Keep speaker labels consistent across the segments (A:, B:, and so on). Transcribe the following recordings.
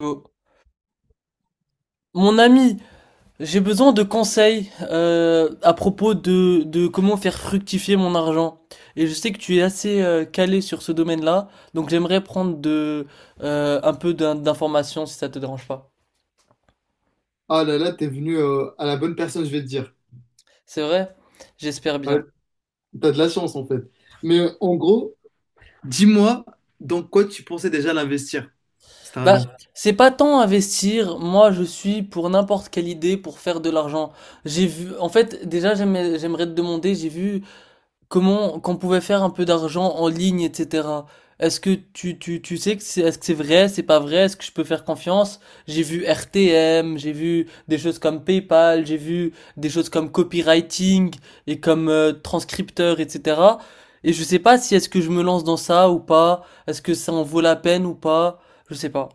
A: Oh. Mon ami, j'ai besoin de conseils à propos de comment faire fructifier mon argent. Et je sais que tu es assez calé sur ce domaine-là, donc j'aimerais prendre un peu d'informations si ça te dérange pas.
B: Ah là là, t'es venu à la bonne personne, je vais te dire.
A: C'est vrai? J'espère
B: Ouais,
A: bien.
B: t'as de la chance en fait. Mais en gros, dis-moi dans quoi tu pensais déjà l'investir, cet argent.
A: Bah, c'est pas tant investir, moi je suis pour n'importe quelle idée pour faire de l'argent. J'ai vu, en fait, déjà j'aimerais te demander, j'ai vu comment qu'on pouvait faire un peu d'argent en ligne, etc. Est-ce que tu sais que est-ce que c'est vrai, c'est pas vrai, est-ce que je peux faire confiance? J'ai vu RTM, j'ai vu des choses comme PayPal, j'ai vu des choses comme copywriting et comme transcripteur, etc. Et je sais pas si est-ce que je me lance dans ça ou pas, est-ce que ça en vaut la peine ou pas, je sais pas.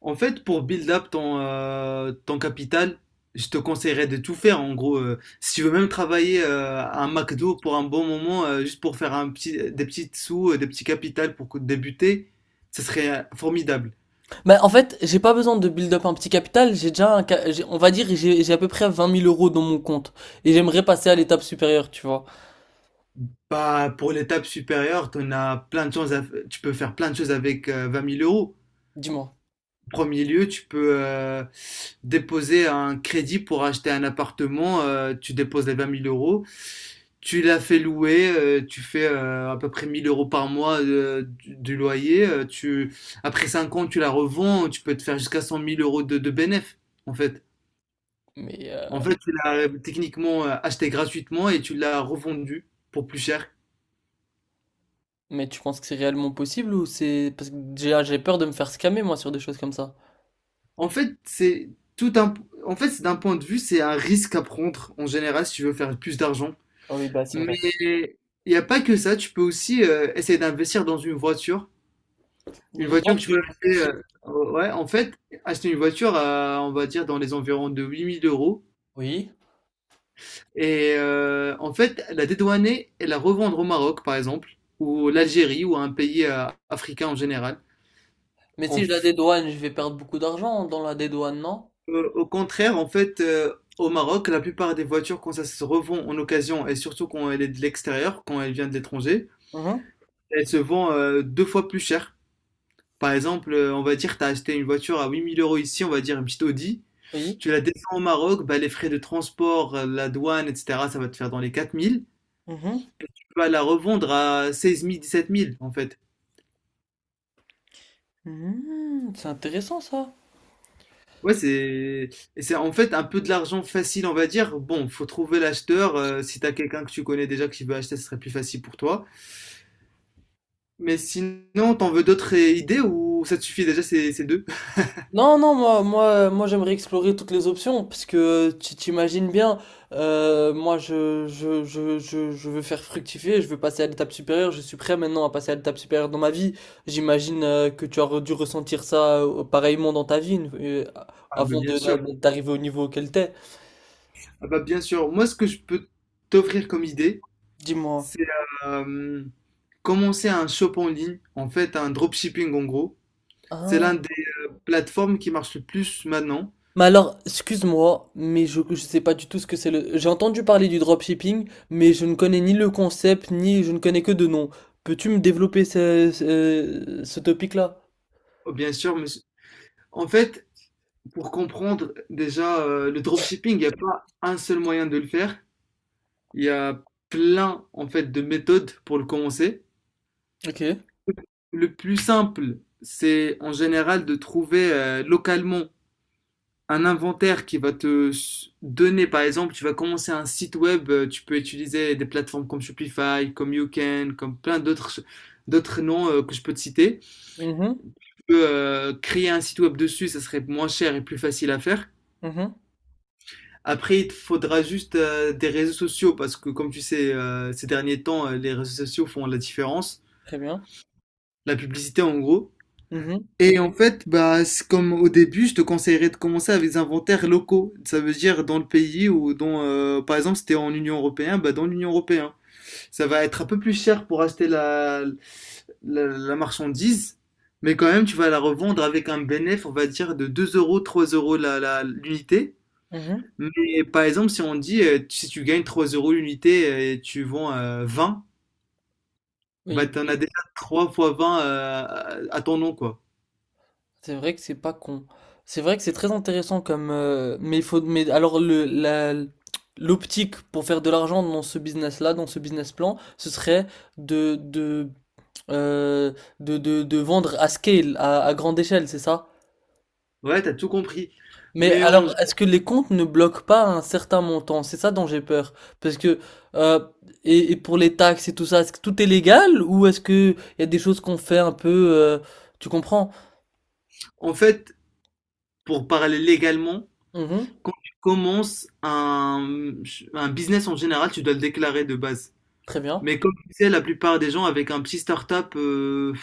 B: En fait, pour build up ton capital, je te conseillerais de tout faire. En gros, si tu veux même travailler à un McDo pour un bon moment, juste pour faire des petits sous, des petits capitals pour débuter, ce serait formidable.
A: Mais en fait, j'ai pas besoin de build up un petit capital, j'ai déjà on va dire, j'ai à peu près 20 000 euros dans mon compte. Et j'aimerais passer à l'étape supérieure, tu vois.
B: Bah, pour l'étape supérieure, t'en as plein de choses, tu peux faire plein de choses avec 20 000 euros.
A: Dis-moi.
B: Premier lieu, tu peux déposer un crédit pour acheter un appartement. Tu déposes les 20 000 euros. Tu l'as fait louer, tu fais à peu près 1000 euros par mois du loyer. Après 5 ans, tu la revends, tu peux te faire jusqu'à 100 000 euros de bénéf, en fait.
A: Mais,
B: En
A: euh,
B: fait, tu l'as techniquement acheté gratuitement et tu l'as revendu pour plus cher.
A: mais tu penses que c'est réellement possible ou c'est. Parce que déjà, j'ai peur de me faire scammer, moi, sur des choses comme ça.
B: En fait, c'est tout un, en fait, c'est d'un point de vue, c'est un risque à prendre en général si tu veux faire plus d'argent.
A: Ah oui, bah c'est
B: Mais
A: vrai.
B: il n'y a pas que ça, tu peux aussi essayer d'investir dans une voiture.
A: Dans
B: Une
A: une
B: voiture que tu
A: voiture.
B: vas acheter. Ouais, en fait, acheter une voiture, on va dire, dans les environs de 8000 euros.
A: Oui.
B: Et en fait, la dédouaner et la revendre au Maroc, par exemple, ou l'Algérie, ou à un pays africain en général.
A: Mais
B: En
A: si je la
B: f-
A: dédouane, je vais perdre beaucoup d'argent dans la dédouane, non?
B: au contraire, en fait, au Maroc, la plupart des voitures, quand ça se revend en occasion, et surtout quand elle est de l'extérieur, quand elle vient de l'étranger,
A: Mhm.
B: elle se vend deux fois plus cher. Par exemple, on va dire, tu as acheté une voiture à 8000 euros ici, on va dire une petite Audi,
A: Oui.
B: tu la descends au Maroc, bah, les frais de transport, la douane, etc., ça va te faire dans les 4000.
A: Mhm.
B: Tu vas la revendre à 16 000, 17 000, en fait.
A: Mhm. C'est intéressant, ça.
B: Ouais, c'est en fait un peu de l'argent facile, on va dire. Bon, faut trouver l'acheteur. Si t'as quelqu'un que tu connais déjà qui veut acheter, ce serait plus facile pour toi. Mais sinon, t'en veux d'autres idées ou ça te suffit déjà ces deux?
A: Non, non, moi, j'aimerais explorer toutes les options parce que tu t'imagines bien, moi, je veux faire fructifier, je veux passer à l'étape supérieure, je suis prêt maintenant à passer à l'étape supérieure dans ma vie. J'imagine que tu dû ressentir ça pareillement dans ta vie
B: Ah, bah,
A: avant
B: bien sûr.
A: d'arriver au niveau auquel t'es.
B: Ah, bah, bien sûr. Moi, ce que je peux t'offrir comme idée,
A: Dis-moi.
B: c'est euh, Commencer un shop en ligne, en fait un dropshipping en gros, c'est l'un
A: Ah.
B: des plateformes qui marche le plus maintenant.
A: Mais alors, excuse-moi, mais je ne sais pas du tout ce que c'est le. J'ai entendu parler du dropshipping, mais je ne connais ni le concept, ni je ne connais que de nom. Peux-tu me développer ce topic-là?
B: Oh, bien sûr, mais en fait, pour comprendre déjà le dropshipping, il n'y a pas un seul moyen de le faire. Il y a plein en fait de méthodes pour le commencer.
A: Ok.
B: Le plus simple, c'est en général de trouver localement un inventaire qui va te donner, par exemple, tu vas commencer un site web, tu peux utiliser des plateformes comme Shopify, comme YouCan, comme plein d'autres noms que je peux te citer.
A: Mhm,
B: Tu peux créer un site web dessus, ça serait moins cher et plus facile à faire.
A: mhm.
B: Après, il te faudra juste des réseaux sociaux parce que, comme tu sais, ces derniers temps, les réseaux sociaux font la différence.
A: Très bien.
B: La publicité, en gros.
A: Mhm,
B: Et en fait, bah, c'est comme au début, je te conseillerais de commencer avec des inventaires locaux. Ça veut dire dans le pays ou dans, par exemple, si t'es en Union européenne, bah, dans l'Union européenne. Ça va être un peu plus cher pour acheter la marchandise, mais quand même, tu vas la revendre avec un bénéfice, on va dire, de 2 euros, 3 euros l'unité.
A: mhm.
B: Mais par exemple, si on dit, si tu gagnes 3 euros l'unité et tu vends 20,
A: Oui,
B: bah,
A: bah
B: t'en
A: oui.
B: as déjà 3 fois 20 à ton nom, quoi.
A: C'est vrai que c'est pas con. C'est vrai que c'est très intéressant mais il faut. Mais alors, le, la, l'optique pour faire de l'argent dans ce business-là, dans ce business plan, ce serait de euh, de vendre à scale, à grande échelle, c'est ça?
B: Ouais, t'as tout compris.
A: Mais
B: Mais en
A: alors, est-ce que les comptes ne bloquent pas un certain montant? C'est ça dont j'ai peur. Parce que, euh, et pour les taxes et tout ça, est-ce que tout est légal ou est-ce que il y a des choses qu'on fait un peu, euh, tu comprends?
B: En fait, pour parler légalement,
A: Mhm.
B: quand tu commences un business en général, tu dois le déclarer de base.
A: Très bien.
B: Mais comme tu sais, la plupart des gens avec un petit start-up,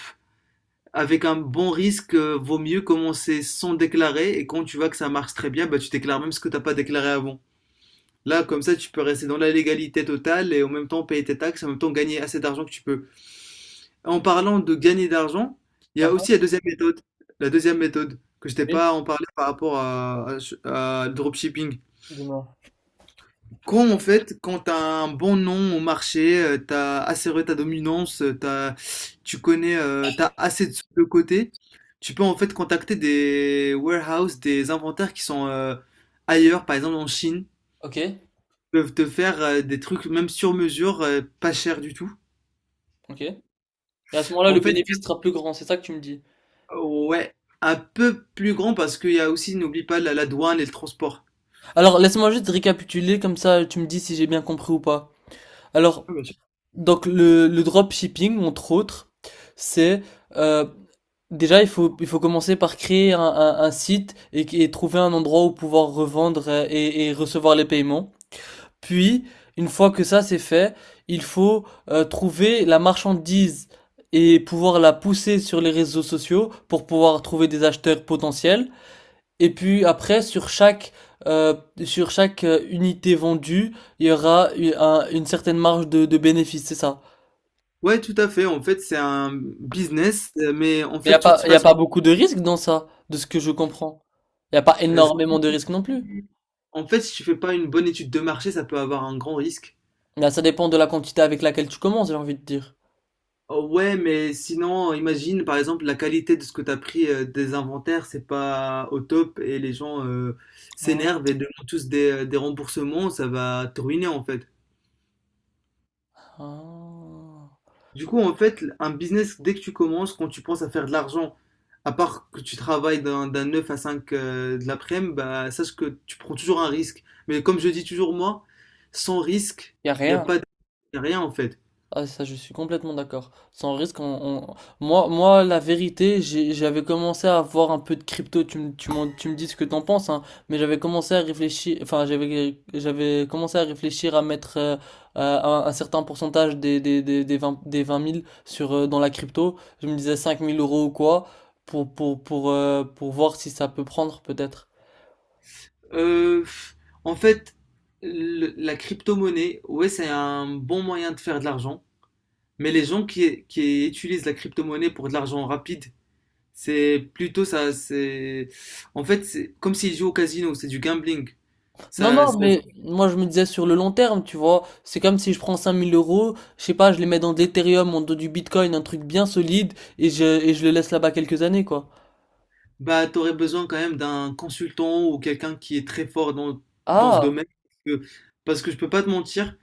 B: avec un bon risque, vaut mieux commencer sans déclarer. Et quand tu vois que ça marche très bien, bah, tu déclares même ce que tu n'as pas déclaré avant. Là, comme ça, tu peux rester dans la légalité totale et en même temps payer tes taxes, en même temps gagner assez d'argent que tu peux. En parlant de gagner d'argent, il y
A: Ah
B: a
A: ah,
B: aussi la deuxième méthode, que je t'ai
A: oui,
B: pas en parlé par rapport à le dropshipping.
A: dis-moi.
B: Quand tu as un bon nom au marché, t'as assuré ta dominance, t'as assez de sous de côté, tu peux en fait contacter des warehouses, des inventaires qui sont ailleurs, par exemple en Chine,
A: Ok,
B: peuvent te faire des trucs même sur mesure, pas cher du tout.
A: ok. Et à ce moment-là,
B: En
A: le
B: fait,
A: bénéfice sera plus grand, c'est ça que tu me dis.
B: ouais, un peu plus grand parce qu'il y a aussi, n'oublie pas, la douane et le transport.
A: Alors, laisse-moi juste récapituler, comme ça tu me dis si j'ai bien compris ou pas. Alors,
B: Ah, bien sûr.
A: donc le dropshipping, entre autres, c'est euh, déjà il faut commencer par créer un site et trouver un endroit où pouvoir revendre et recevoir les paiements. Puis une fois que ça c'est fait, il faut trouver la marchandise et pouvoir la pousser sur les réseaux sociaux pour pouvoir trouver des acheteurs potentiels. Et puis après euh, sur chaque unité vendue, il y aura une certaine marge de bénéfice, c'est ça.
B: Ouais, tout à fait. En fait, c'est un business, mais en
A: Mais
B: fait, tout se
A: y a
B: passe.
A: pas beaucoup de risques dans ça, de ce que je comprends. Y a pas
B: euh,
A: énormément de risques non plus.
B: En fait, si tu fais pas une bonne étude de marché, ça peut avoir un grand risque.
A: Là, ça dépend de la quantité avec laquelle tu commences, j'ai envie de dire.
B: Oh, ouais, mais sinon, imagine, par exemple, la qualité de ce que tu as pris des inventaires, c'est pas au top et les gens
A: Ah,
B: s'énervent et demandent tous des remboursements, ça va te ruiner en fait.
A: ah.
B: Du coup, en fait, un business, dès que tu commences, quand tu penses à faire de l'argent, à part que tu travailles d'un 9 à 5 de l'après-midi, bah, sache que tu prends toujours un risque. Mais comme je dis toujours moi, sans risque,
A: Y a
B: il n'y a
A: rien.
B: pas de y a rien en fait.
A: Ah ça je suis complètement d'accord. Sans risque, on- moi la vérité, j'avais commencé à avoir un peu de crypto. Tu me dis ce que t'en penses, hein, mais j'avais commencé à réfléchir, enfin j'avais commencé à réfléchir à mettre un certain pourcentage des 20, des 20 000 sur dans la crypto. Je me disais 5 000 euros ou quoi pour voir si ça peut prendre peut-être.
B: Euh, En fait, la crypto-monnaie, ouais, c'est un bon moyen de faire de l'argent. Mais les gens qui utilisent la crypto-monnaie pour de l'argent rapide, c'est plutôt ça. En fait, c'est comme s'ils jouent au casino, c'est du gambling.
A: Non,
B: Ça,
A: non,
B: ça,
A: mais moi je me disais sur le long terme, tu vois, c'est comme si je prends 5 000 euros, je sais pas, je les mets dans de l'Ethereum, en dans du Bitcoin, un truc bien solide, et je le laisse là-bas quelques années, quoi.
B: Bah, tu aurais besoin quand même d'un consultant ou quelqu'un qui est très fort dans, dans ce
A: Ah,
B: domaine. Parce que, parce que je peux pas te mentir,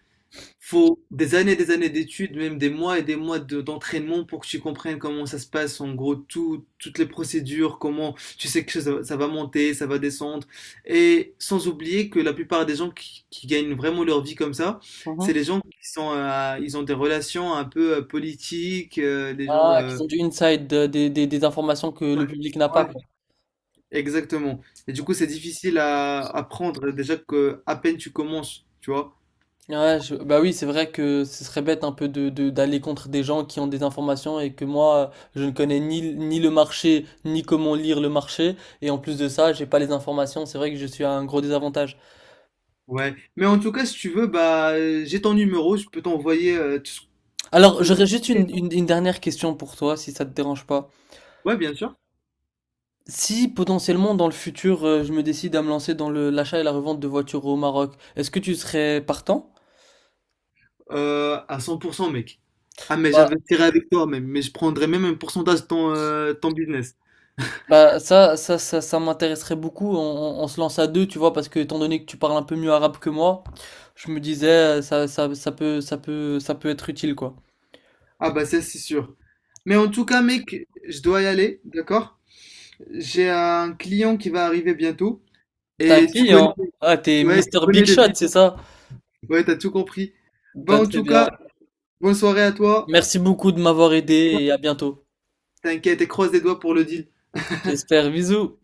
B: faut des années et des années d'études, même des mois et des mois d'entraînement pour que tu comprennes comment ça se passe, en gros, toutes les procédures, comment tu sais que ça va monter, ça va descendre. Et sans oublier que la plupart des gens qui gagnent vraiment leur vie comme ça, c'est
A: mhm.
B: les gens ils ont des relations un peu politiques. euh, des gens...
A: Ah,
B: euh,
A: qu'ils ont du inside, des informations que
B: ouais,
A: le public n'a pas,
B: ouais.
A: quoi.
B: Exactement. Et du coup, c'est difficile à prendre déjà que à peine tu commences, tu vois.
A: Ouais, bah oui, c'est vrai que ce serait bête un peu d'aller contre des gens qui ont des informations et que moi, je ne connais ni le marché, ni comment lire le marché, et en plus de ça, j'ai pas les informations, c'est vrai que je suis à un gros désavantage.
B: Ouais. Mais en tout cas, si tu veux, bah, j'ai ton numéro, je peux t'envoyer.
A: Alors,
B: Euh,
A: j'aurais juste une dernière question pour toi, si ça te dérange pas.
B: ouais, bien sûr.
A: Si potentiellement dans le futur, je me décide à me lancer dans l'achat et la revente de voitures au Maroc, est-ce que tu serais partant?
B: À 100%, mec. Ah, mais
A: Bah,
B: j'investirai avec toi, même. Mais je prendrai même un pourcentage de ton business.
A: ça m'intéresserait beaucoup. On se lance à deux, tu vois, parce que étant donné que tu parles un peu mieux arabe que moi, je me disais, ça peut être utile, quoi.
B: Ah, bah, ça, c'est sûr. Mais en tout cas, mec, je dois y aller, d'accord? J'ai un client qui va arriver bientôt.
A: T'as un
B: Et tu connais,
A: client? Ah, t'es
B: ouais, tu
A: Mister
B: connais
A: Big
B: le
A: Shot,
B: but.
A: c'est ça?
B: Ouais, t'as tout compris. Bah,
A: Bah,
B: en
A: très
B: tout
A: bien.
B: cas, bonne soirée à toi.
A: Merci beaucoup de m'avoir aidé et à bientôt.
B: T'inquiète et croise les doigts pour le deal.
A: J'espère. Bisous.